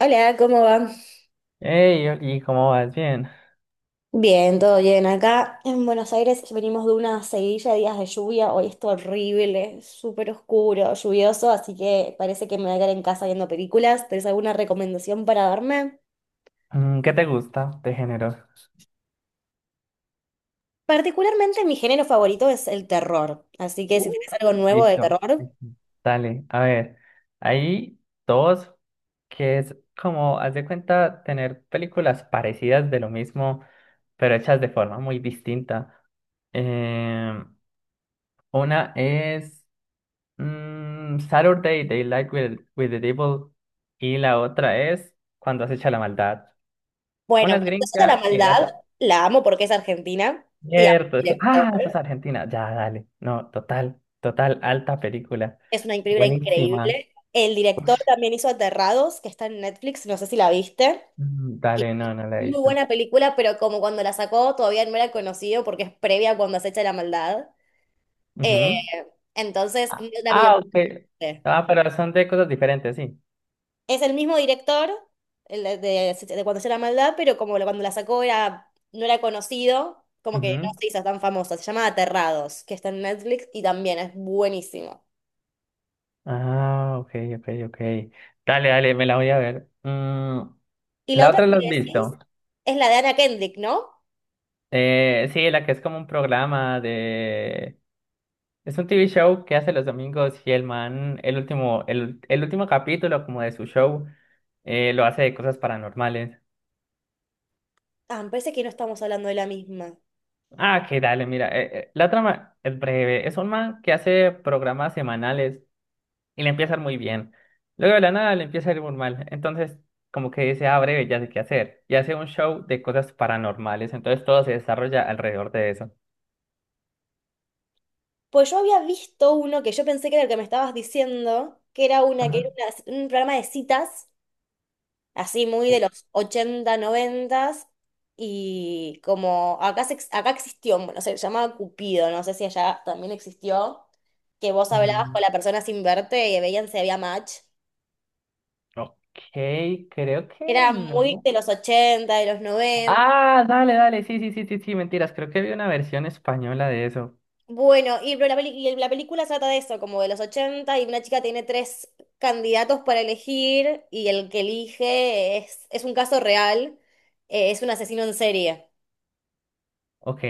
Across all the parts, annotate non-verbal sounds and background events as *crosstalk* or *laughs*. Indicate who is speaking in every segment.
Speaker 1: Hola, ¿cómo va?
Speaker 2: Hey, ¿y cómo vas? Bien.
Speaker 1: Bien, todo bien. Acá en Buenos Aires venimos de una seguidilla de días de lluvia. Hoy es horrible, súper oscuro, lluvioso, así que parece que me voy a quedar en casa viendo películas. ¿Tenés alguna recomendación para darme?
Speaker 2: ¿Qué te gusta de género?
Speaker 1: Particularmente mi género favorito es el terror, así que si
Speaker 2: Uh,
Speaker 1: tienes algo nuevo de
Speaker 2: Listo,
Speaker 1: terror,
Speaker 2: listo. Dale, a ver. Hay dos que es como, haz de cuenta, tener películas parecidas de lo mismo, pero hechas de forma muy distinta. Eh, una es Saturday Daylight with the Devil y la otra es Cuando has hecho la maldad. Una
Speaker 1: bueno,
Speaker 2: es
Speaker 1: Princesa de la
Speaker 2: gringa y la
Speaker 1: Maldad,
Speaker 2: otra.
Speaker 1: la amo porque es argentina y amo al
Speaker 2: Cierto, sí.
Speaker 1: director.
Speaker 2: Ah, eso es Argentina. Ya, dale. No, total, total, alta película.
Speaker 1: Es una película
Speaker 2: Buenísima.
Speaker 1: increíble. El director también hizo Aterrados, que está en Netflix, no sé si la viste. Que
Speaker 2: Dale,
Speaker 1: es
Speaker 2: no, no la he
Speaker 1: Muy
Speaker 2: visto.
Speaker 1: buena película, pero como cuando la sacó todavía no era conocido porque es previa a cuando acecha la maldad. Eh,
Speaker 2: Ujú.
Speaker 1: entonces, no
Speaker 2: Ah,
Speaker 1: la vi.
Speaker 2: ah, ok. Ah, pero son de cosas diferentes, sí.
Speaker 1: Es el mismo director, el de, de cuando acecha la maldad, pero como cuando la sacó era, no era conocido, como que no
Speaker 2: Ujú.
Speaker 1: se hizo tan famosa. Se llama Aterrados, que está en Netflix y también es buenísimo.
Speaker 2: Ah, ok, ok, ok. Dale, dale, me la voy a ver.
Speaker 1: Y la
Speaker 2: La
Speaker 1: otra
Speaker 2: otra
Speaker 1: que
Speaker 2: la
Speaker 1: me
Speaker 2: has
Speaker 1: decís
Speaker 2: visto.
Speaker 1: es la de Anna Kendrick, ¿no?
Speaker 2: Sí, la que es como un programa de. Es un TV show que hace los domingos y el man, el último, el último capítulo como de su show, lo hace de cosas paranormales.
Speaker 1: Ah, me parece que no estamos hablando de la misma.
Speaker 2: Ah, que dale, mira, la trama es breve. Es un man que hace programas semanales y le empieza a ir muy bien. Luego de la nada le empieza a ir muy mal. Entonces, como que dice, ah, breve, ya sé qué hacer. Y hace un show de cosas paranormales. Entonces todo se desarrolla alrededor de eso.
Speaker 1: Pues yo había visto uno que yo pensé que era el que me estabas diciendo, que era una, que
Speaker 2: Ajá.
Speaker 1: era un programa de citas, así muy de
Speaker 2: O-
Speaker 1: los ochenta, 90, y como acá, acá existió, bueno, se llamaba Cupido, no sé si allá también existió, que vos hablabas con
Speaker 2: mm,
Speaker 1: la persona sin verte y veían si había match.
Speaker 2: ok, creo que
Speaker 1: Era muy
Speaker 2: no.
Speaker 1: de los ochenta, de los noventa.
Speaker 2: Ah, dale, dale, sí, sí, sí, sí, sí, mentiras, creo que vi una versión española de eso.
Speaker 1: Bueno, y pero la, y la película trata de eso, como de los 80 y una chica tiene tres candidatos para elegir, y el que elige es un caso real, es un asesino en serie.
Speaker 2: Ok.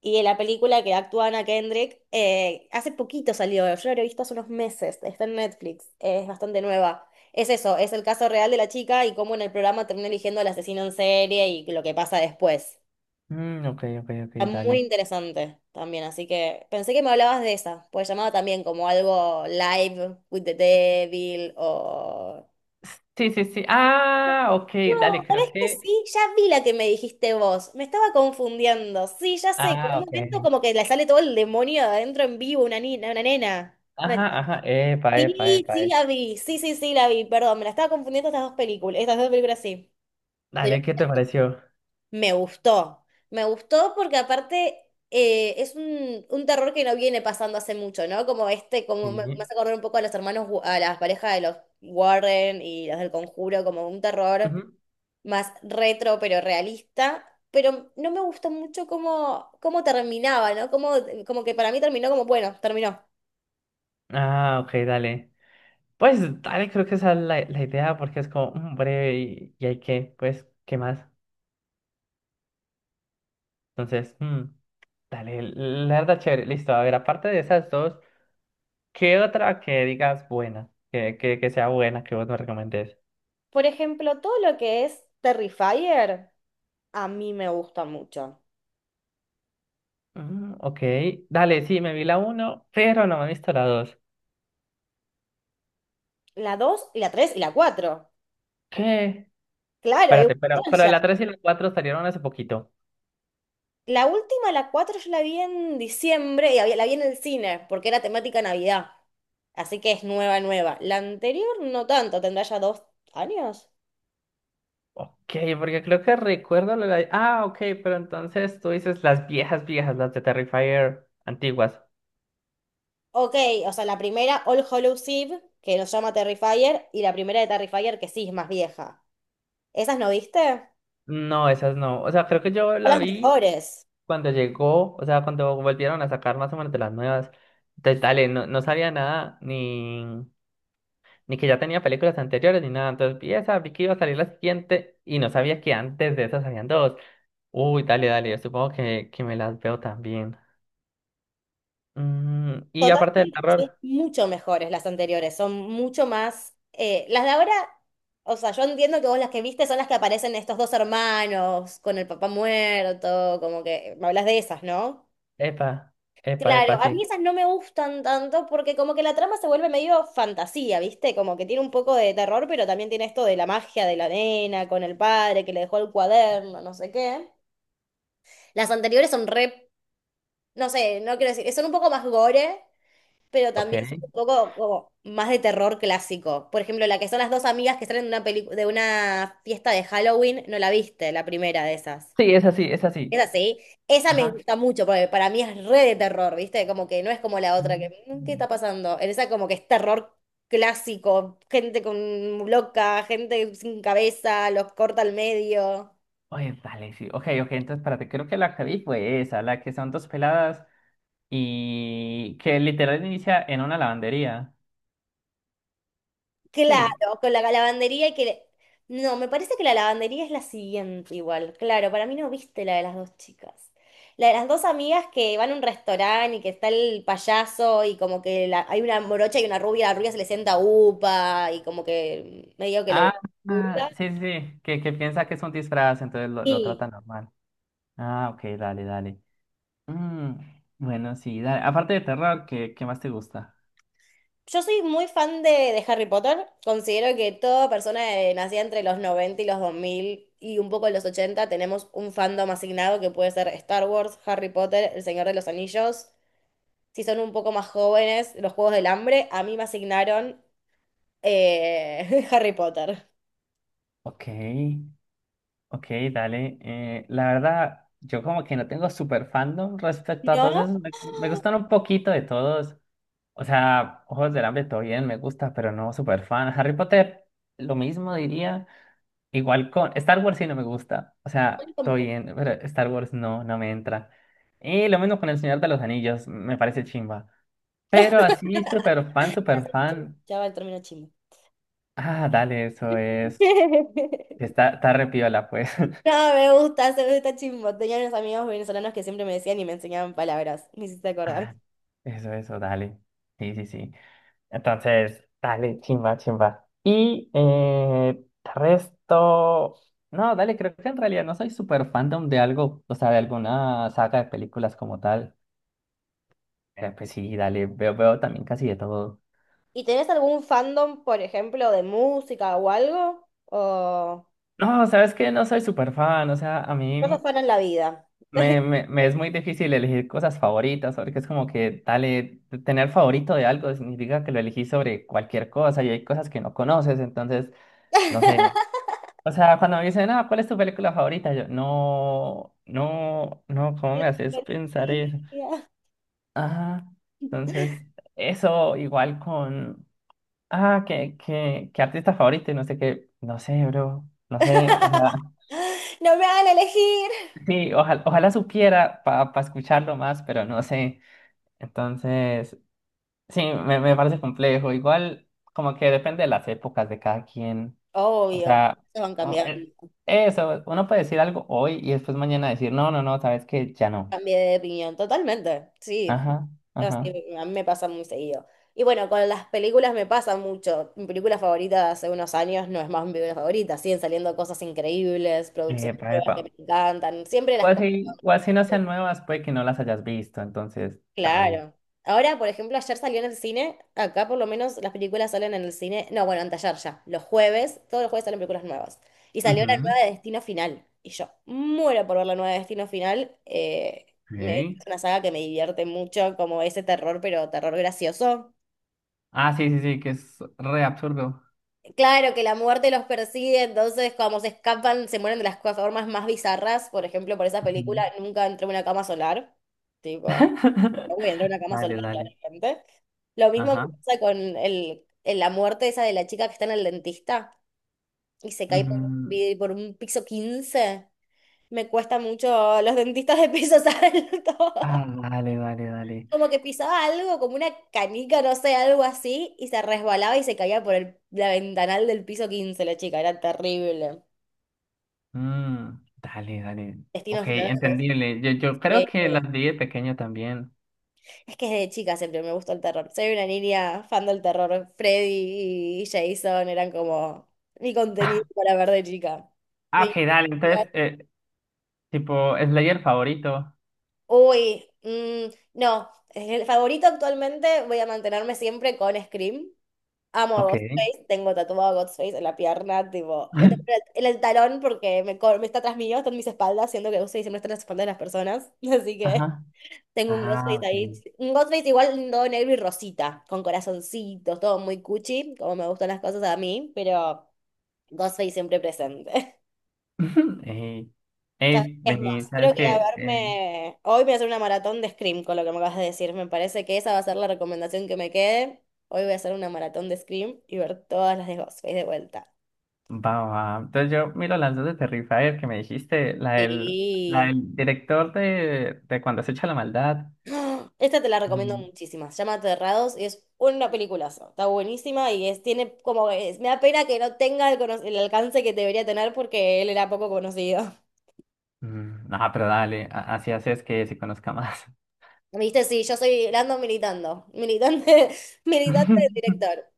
Speaker 1: Y en la película que actúa Anna Kendrick, hace poquito salió, yo la he visto hace unos meses, está en Netflix, es bastante nueva. Es eso, es el caso real de la chica y cómo en el programa termina eligiendo al asesino en serie y lo que pasa después.
Speaker 2: Ok, ok, ok,
Speaker 1: Está muy
Speaker 2: dale.
Speaker 1: interesante también, así que pensé que me hablabas de esa, pues llamaba también como algo Live with the Devil o...
Speaker 2: Sí, sí, sí. Ah, ok,
Speaker 1: No,
Speaker 2: dale, creo
Speaker 1: ¿sabés que
Speaker 2: que.
Speaker 1: sí? Ya vi la que me dijiste vos, me estaba confundiendo, sí, ya sé, que en
Speaker 2: Ah,
Speaker 1: un
Speaker 2: ok.
Speaker 1: momento como que le sale todo el demonio de adentro en vivo, una niña, una nena. Una-
Speaker 2: Ajá, ajá. Epa, epa,
Speaker 1: Sí,
Speaker 2: epa,
Speaker 1: sí
Speaker 2: epa.
Speaker 1: la vi, sí, sí, sí la vi, perdón, me la estaba confundiendo, estas dos películas sí.
Speaker 2: Dale, ¿qué te pareció?
Speaker 1: Me gustó, me gustó porque aparte es un terror que no viene pasando hace mucho, ¿no? Como este, como me
Speaker 2: Sí.
Speaker 1: hace acordar un poco a los hermanos, a las parejas de los Warren y los del Conjuro, como un terror
Speaker 2: Ujú.
Speaker 1: más retro pero realista, pero no me gustó mucho cómo terminaba, ¿no? Como que para mí terminó como, bueno, terminó.
Speaker 2: Ah, ok, dale. Pues dale, creo que esa es la, la idea porque es como breve y hay que, pues, ¿qué más? Entonces, dale, la verdad chévere, listo. A ver, aparte de esas dos. ¿Qué otra que digas buena? Que sea buena, que vos me recomendés.
Speaker 1: Por ejemplo, todo lo que es Terrifier, a mí me gusta mucho.
Speaker 2: Ok, dale, sí, me vi la uno, pero no me he visto la dos.
Speaker 1: La dos y la 3 y la cuatro.
Speaker 2: ¿Qué?
Speaker 1: Claro, hay un
Speaker 2: Espérate,
Speaker 1: montón.
Speaker 2: pero la 3 y la 4 salieron hace poquito.
Speaker 1: La última, la 4 yo la vi en diciembre y la vi en el cine porque era temática Navidad. Así que es nueva, nueva. La anterior no tanto, tendrá ya 2 años.
Speaker 2: Ok, porque creo que recuerdo la... la- Ah, ok, pero entonces tú dices las viejas, viejas, las de Terrifier antiguas.
Speaker 1: Ok, o sea, la primera, All Hallows Eve, que nos llama Terrifier, y la primera de Terrifier, que sí es más vieja. ¿Esas no viste?
Speaker 2: No, esas no. O sea, creo que yo
Speaker 1: Son
Speaker 2: la
Speaker 1: las
Speaker 2: vi
Speaker 1: mejores.
Speaker 2: cuando llegó, o sea, cuando volvieron a sacar más o menos de las nuevas. Entonces, dale, no, no sabía nada, ni... ni que ya tenía películas anteriores ni nada. Entonces vi esa, vi que iba a salir la siguiente y no sabía que antes de esas habían dos. Uy, dale, dale, yo supongo que me las veo también. Y aparte del
Speaker 1: Totalmente, que son
Speaker 2: terror,
Speaker 1: mucho mejores las anteriores, son mucho más... las de ahora, o sea, yo entiendo que vos las que viste son las que aparecen estos dos hermanos con el papá muerto, como que me hablas de esas, ¿no?
Speaker 2: epa, epa,
Speaker 1: Claro,
Speaker 2: epa,
Speaker 1: a mí
Speaker 2: sí.
Speaker 1: esas no me gustan tanto porque como que la trama se vuelve medio fantasía, ¿viste? Como que tiene un poco de terror, pero también tiene esto de la magia de la nena con el padre que le dejó el cuaderno, no sé qué. Las anteriores son re, no sé, no quiero decir, son un poco más gore, pero
Speaker 2: Ok.
Speaker 1: también son un poco como más de terror clásico. Por ejemplo, la que son las dos amigas que salen de una de una fiesta de Halloween, no la viste, la primera de esas.
Speaker 2: Sí, es así, es así.
Speaker 1: Es así. Esa me
Speaker 2: Ajá.
Speaker 1: gusta mucho porque para mí es re de terror, ¿viste? Como que no es como la otra que,
Speaker 2: Mm.
Speaker 1: "Mm, ¿qué está pasando?" En esa como que es terror clásico, gente con loca, gente sin cabeza, los corta al medio.
Speaker 2: Oye, dale, sí. Ok, ok, entonces espérate, creo que la que vi fue esa, la que son dos peladas y que literal inicia en una lavandería. Sí.
Speaker 1: Claro, con la lavandería y que... No, me parece que la lavandería es la siguiente igual. Claro, para mí no viste la de las dos chicas. La de las dos amigas que van a un restaurante y que está el payaso y como que hay una morocha y una rubia, la rubia se le sienta upa y como que medio que lo
Speaker 2: Ah, ah,
Speaker 1: hurta.
Speaker 2: sí, sí, sí, que piensa que es un disfraz, entonces lo trata normal. Ah, ok, dale, dale. Mm, bueno, sí, dale. Aparte de terror, ¿qué más te gusta?
Speaker 1: Yo soy muy fan de Harry Potter. Considero que toda persona nacida entre los 90 y los 2000 y un poco los 80 tenemos un fandom asignado que puede ser Star Wars, Harry Potter, El Señor de los Anillos. Si son un poco más jóvenes, los Juegos del Hambre. A mí me asignaron *laughs* Harry Potter.
Speaker 2: Ok, ok, dale. La verdad, yo como que no tengo super fandom respecto a todos
Speaker 1: No,
Speaker 2: esos. Me gustan un poquito de todos. O sea, Ojos del Hambre, todo bien, me gusta, pero no super fan. Harry Potter, lo mismo diría. Igual con Star Wars sí no me gusta. O sea,
Speaker 1: *laughs*
Speaker 2: todo
Speaker 1: tampoco.
Speaker 2: bien, pero Star Wars no, no me entra. Y lo mismo con El Señor de los Anillos, me parece chimba. Pero así, súper fan, súper fan.
Speaker 1: Ya va el término chimbo.
Speaker 2: Ah, dale, eso es.
Speaker 1: *laughs*
Speaker 2: Está, está re piola, pues. *laughs*
Speaker 1: No, me gusta, se me gusta chimbo. Tenía unos amigos venezolanos que siempre me decían y me enseñaban palabras. Me hiciste acordar.
Speaker 2: Ah, eso, dale. Sí, sí, sí. Entonces, dale, chimba, chimba. Y resto. No, dale, creo que en realidad no soy súper fandom de algo, o sea, de alguna saga de películas como tal. Pues sí, dale, veo también casi de todo.
Speaker 1: ¿Y tenés algún fandom, por ejemplo, de música o algo? ¿O
Speaker 2: No, sabes que no soy súper fan, o sea, a
Speaker 1: no sos
Speaker 2: mí
Speaker 1: fan en la vida?
Speaker 2: me es muy difícil elegir cosas favoritas, porque es como que, dale, t- tener favorito de algo significa que lo elegí sobre cualquier cosa y hay cosas que no conoces, entonces, no sé.
Speaker 1: *laughs*
Speaker 2: O sea, cuando me dicen, ah, ¿cuál es tu película favorita? Yo, no, no, no, ¿cómo me haces pensar eso?
Speaker 1: Policía.
Speaker 2: Ah, entonces, eso igual con... Ah, que artista favorito y no sé qué. No sé, bro. No sé, o sea,
Speaker 1: No me hagan elegir.
Speaker 2: sí, ojalá, ojalá supiera para escucharlo más, pero no sé. Entonces, sí, me parece complejo. Igual, como que depende de las épocas de cada quien. O
Speaker 1: Obvio,
Speaker 2: sea,
Speaker 1: se van
Speaker 2: o-
Speaker 1: cambiando.
Speaker 2: eh, eso, uno puede decir algo hoy y después mañana decir, no, no, no, sabes que ya no.
Speaker 1: Cambié de opinión totalmente, sí.
Speaker 2: Ajá,
Speaker 1: Así,
Speaker 2: ajá.
Speaker 1: a mí me pasa muy seguido. Y bueno, con las películas me pasa mucho. Mi película favorita de hace unos años no es más mi película favorita. Siguen saliendo cosas increíbles, producciones
Speaker 2: Epa,
Speaker 1: nuevas
Speaker 2: epa.
Speaker 1: que me encantan. Siempre las cosas.
Speaker 2: O así no sean nuevas, puede que no las hayas visto, entonces, dale.
Speaker 1: Claro. Ahora, por ejemplo, ayer salió en el cine, acá por lo menos las películas salen en el cine, no, bueno, anteayer ya, los jueves, todos los jueves salen películas nuevas. Y salió la
Speaker 2: Ujú.
Speaker 1: nueva de Destino Final, y yo muero por ver la nueva de Destino Final,
Speaker 2: Ok.
Speaker 1: es una saga que me divierte mucho, como ese terror, pero terror gracioso.
Speaker 2: Ah, sí, sí, sí, que es re absurdo.
Speaker 1: Claro que la muerte los persigue, entonces como se escapan, se mueren de las formas más bizarras. Por ejemplo, por esa película,
Speaker 2: Ujú.
Speaker 1: nunca entré a una cama solar, tipo...
Speaker 2: *laughs*
Speaker 1: durmiendo en una cama sola,
Speaker 2: Dale, dale.
Speaker 1: claramente. Lo mismo me
Speaker 2: Ajá.
Speaker 1: pasa con el, la muerte esa de la chica que está en el dentista y se cae por,
Speaker 2: Mm,
Speaker 1: por un piso 15. Me cuesta mucho los dentistas de pisos *laughs* altos.
Speaker 2: ah, dale, dale, dale.
Speaker 1: Como que pisaba algo, como una canica, no sé, algo así, y se resbalaba y se caía por el, la ventanal del piso 15 la chica. Era terrible.
Speaker 2: Dale, dale. Ok,
Speaker 1: Destino final, me
Speaker 2: entendible. Yo creo que
Speaker 1: parece.
Speaker 2: las vi de pequeño también. *laughs*
Speaker 1: Es que desde chica siempre me gustó el terror. Soy una niña fan del terror. Freddy y Jason eran como mi contenido
Speaker 2: Ah,
Speaker 1: para ver de chica.
Speaker 2: ah,
Speaker 1: Me...
Speaker 2: ok, dale. Entonces, tipo, Slayer favorito.
Speaker 1: Uy, mm, no. El favorito actualmente voy a mantenerme siempre con Scream. Amo a
Speaker 2: Ok.
Speaker 1: Ghostface, tengo tatuado a Ghostface en la pierna, tipo, lo tengo
Speaker 2: *laughs*
Speaker 1: en el talón porque me está tras mío, está en mis espaldas, siendo que Ghostface siempre está en las espaldas de las personas, *laughs* así que...
Speaker 2: Ajá.
Speaker 1: Tengo un Ghostface
Speaker 2: Ah,
Speaker 1: ahí,
Speaker 2: ok.
Speaker 1: un Ghostface igual todo negro y rosita, con corazoncitos, todo muy cuchi, como me gustan las cosas a mí, pero Ghostface siempre presente. *laughs*
Speaker 2: *laughs* Ey, ey,
Speaker 1: Es
Speaker 2: vení,
Speaker 1: más,
Speaker 2: ¿sabes
Speaker 1: creo que voy a
Speaker 2: qué?
Speaker 1: verme, hoy voy a hacer una maratón de Scream. Con lo que me acabas de decir, me parece que esa va a ser la recomendación que me quede. Hoy voy a hacer una maratón de Scream y ver todas las de Ghostface de vuelta.
Speaker 2: Va, va. Entonces yo miro las dos de Terrifier que me dijiste, la
Speaker 1: Sí.
Speaker 2: del director de Cuando se echa la maldad.
Speaker 1: *gasps* Esta te la recomiendo
Speaker 2: Mm,
Speaker 1: muchísimo. Se llama Aterrados y es una peliculaza. Está buenísima y es, tiene como, me da pena que no tenga el, el alcance que debería tener porque él era poco conocido.
Speaker 2: No, pero dale, a- así haces que se conozca más.
Speaker 1: *laughs* ¿Viste? Sí, yo soy Lando militando. Militante, *laughs* militante del
Speaker 2: *laughs*
Speaker 1: director.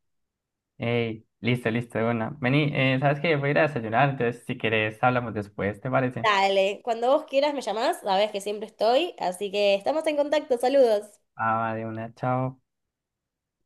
Speaker 2: Ey, listo, listo, de una. Vení, ¿sabes que voy a ir a desayunar, entonces si querés hablamos después, ¿te parece?
Speaker 1: Dale, cuando vos quieras me llamás, sabés que siempre estoy. Así que estamos en contacto. Saludos.
Speaker 2: Ah, va, de una, chao.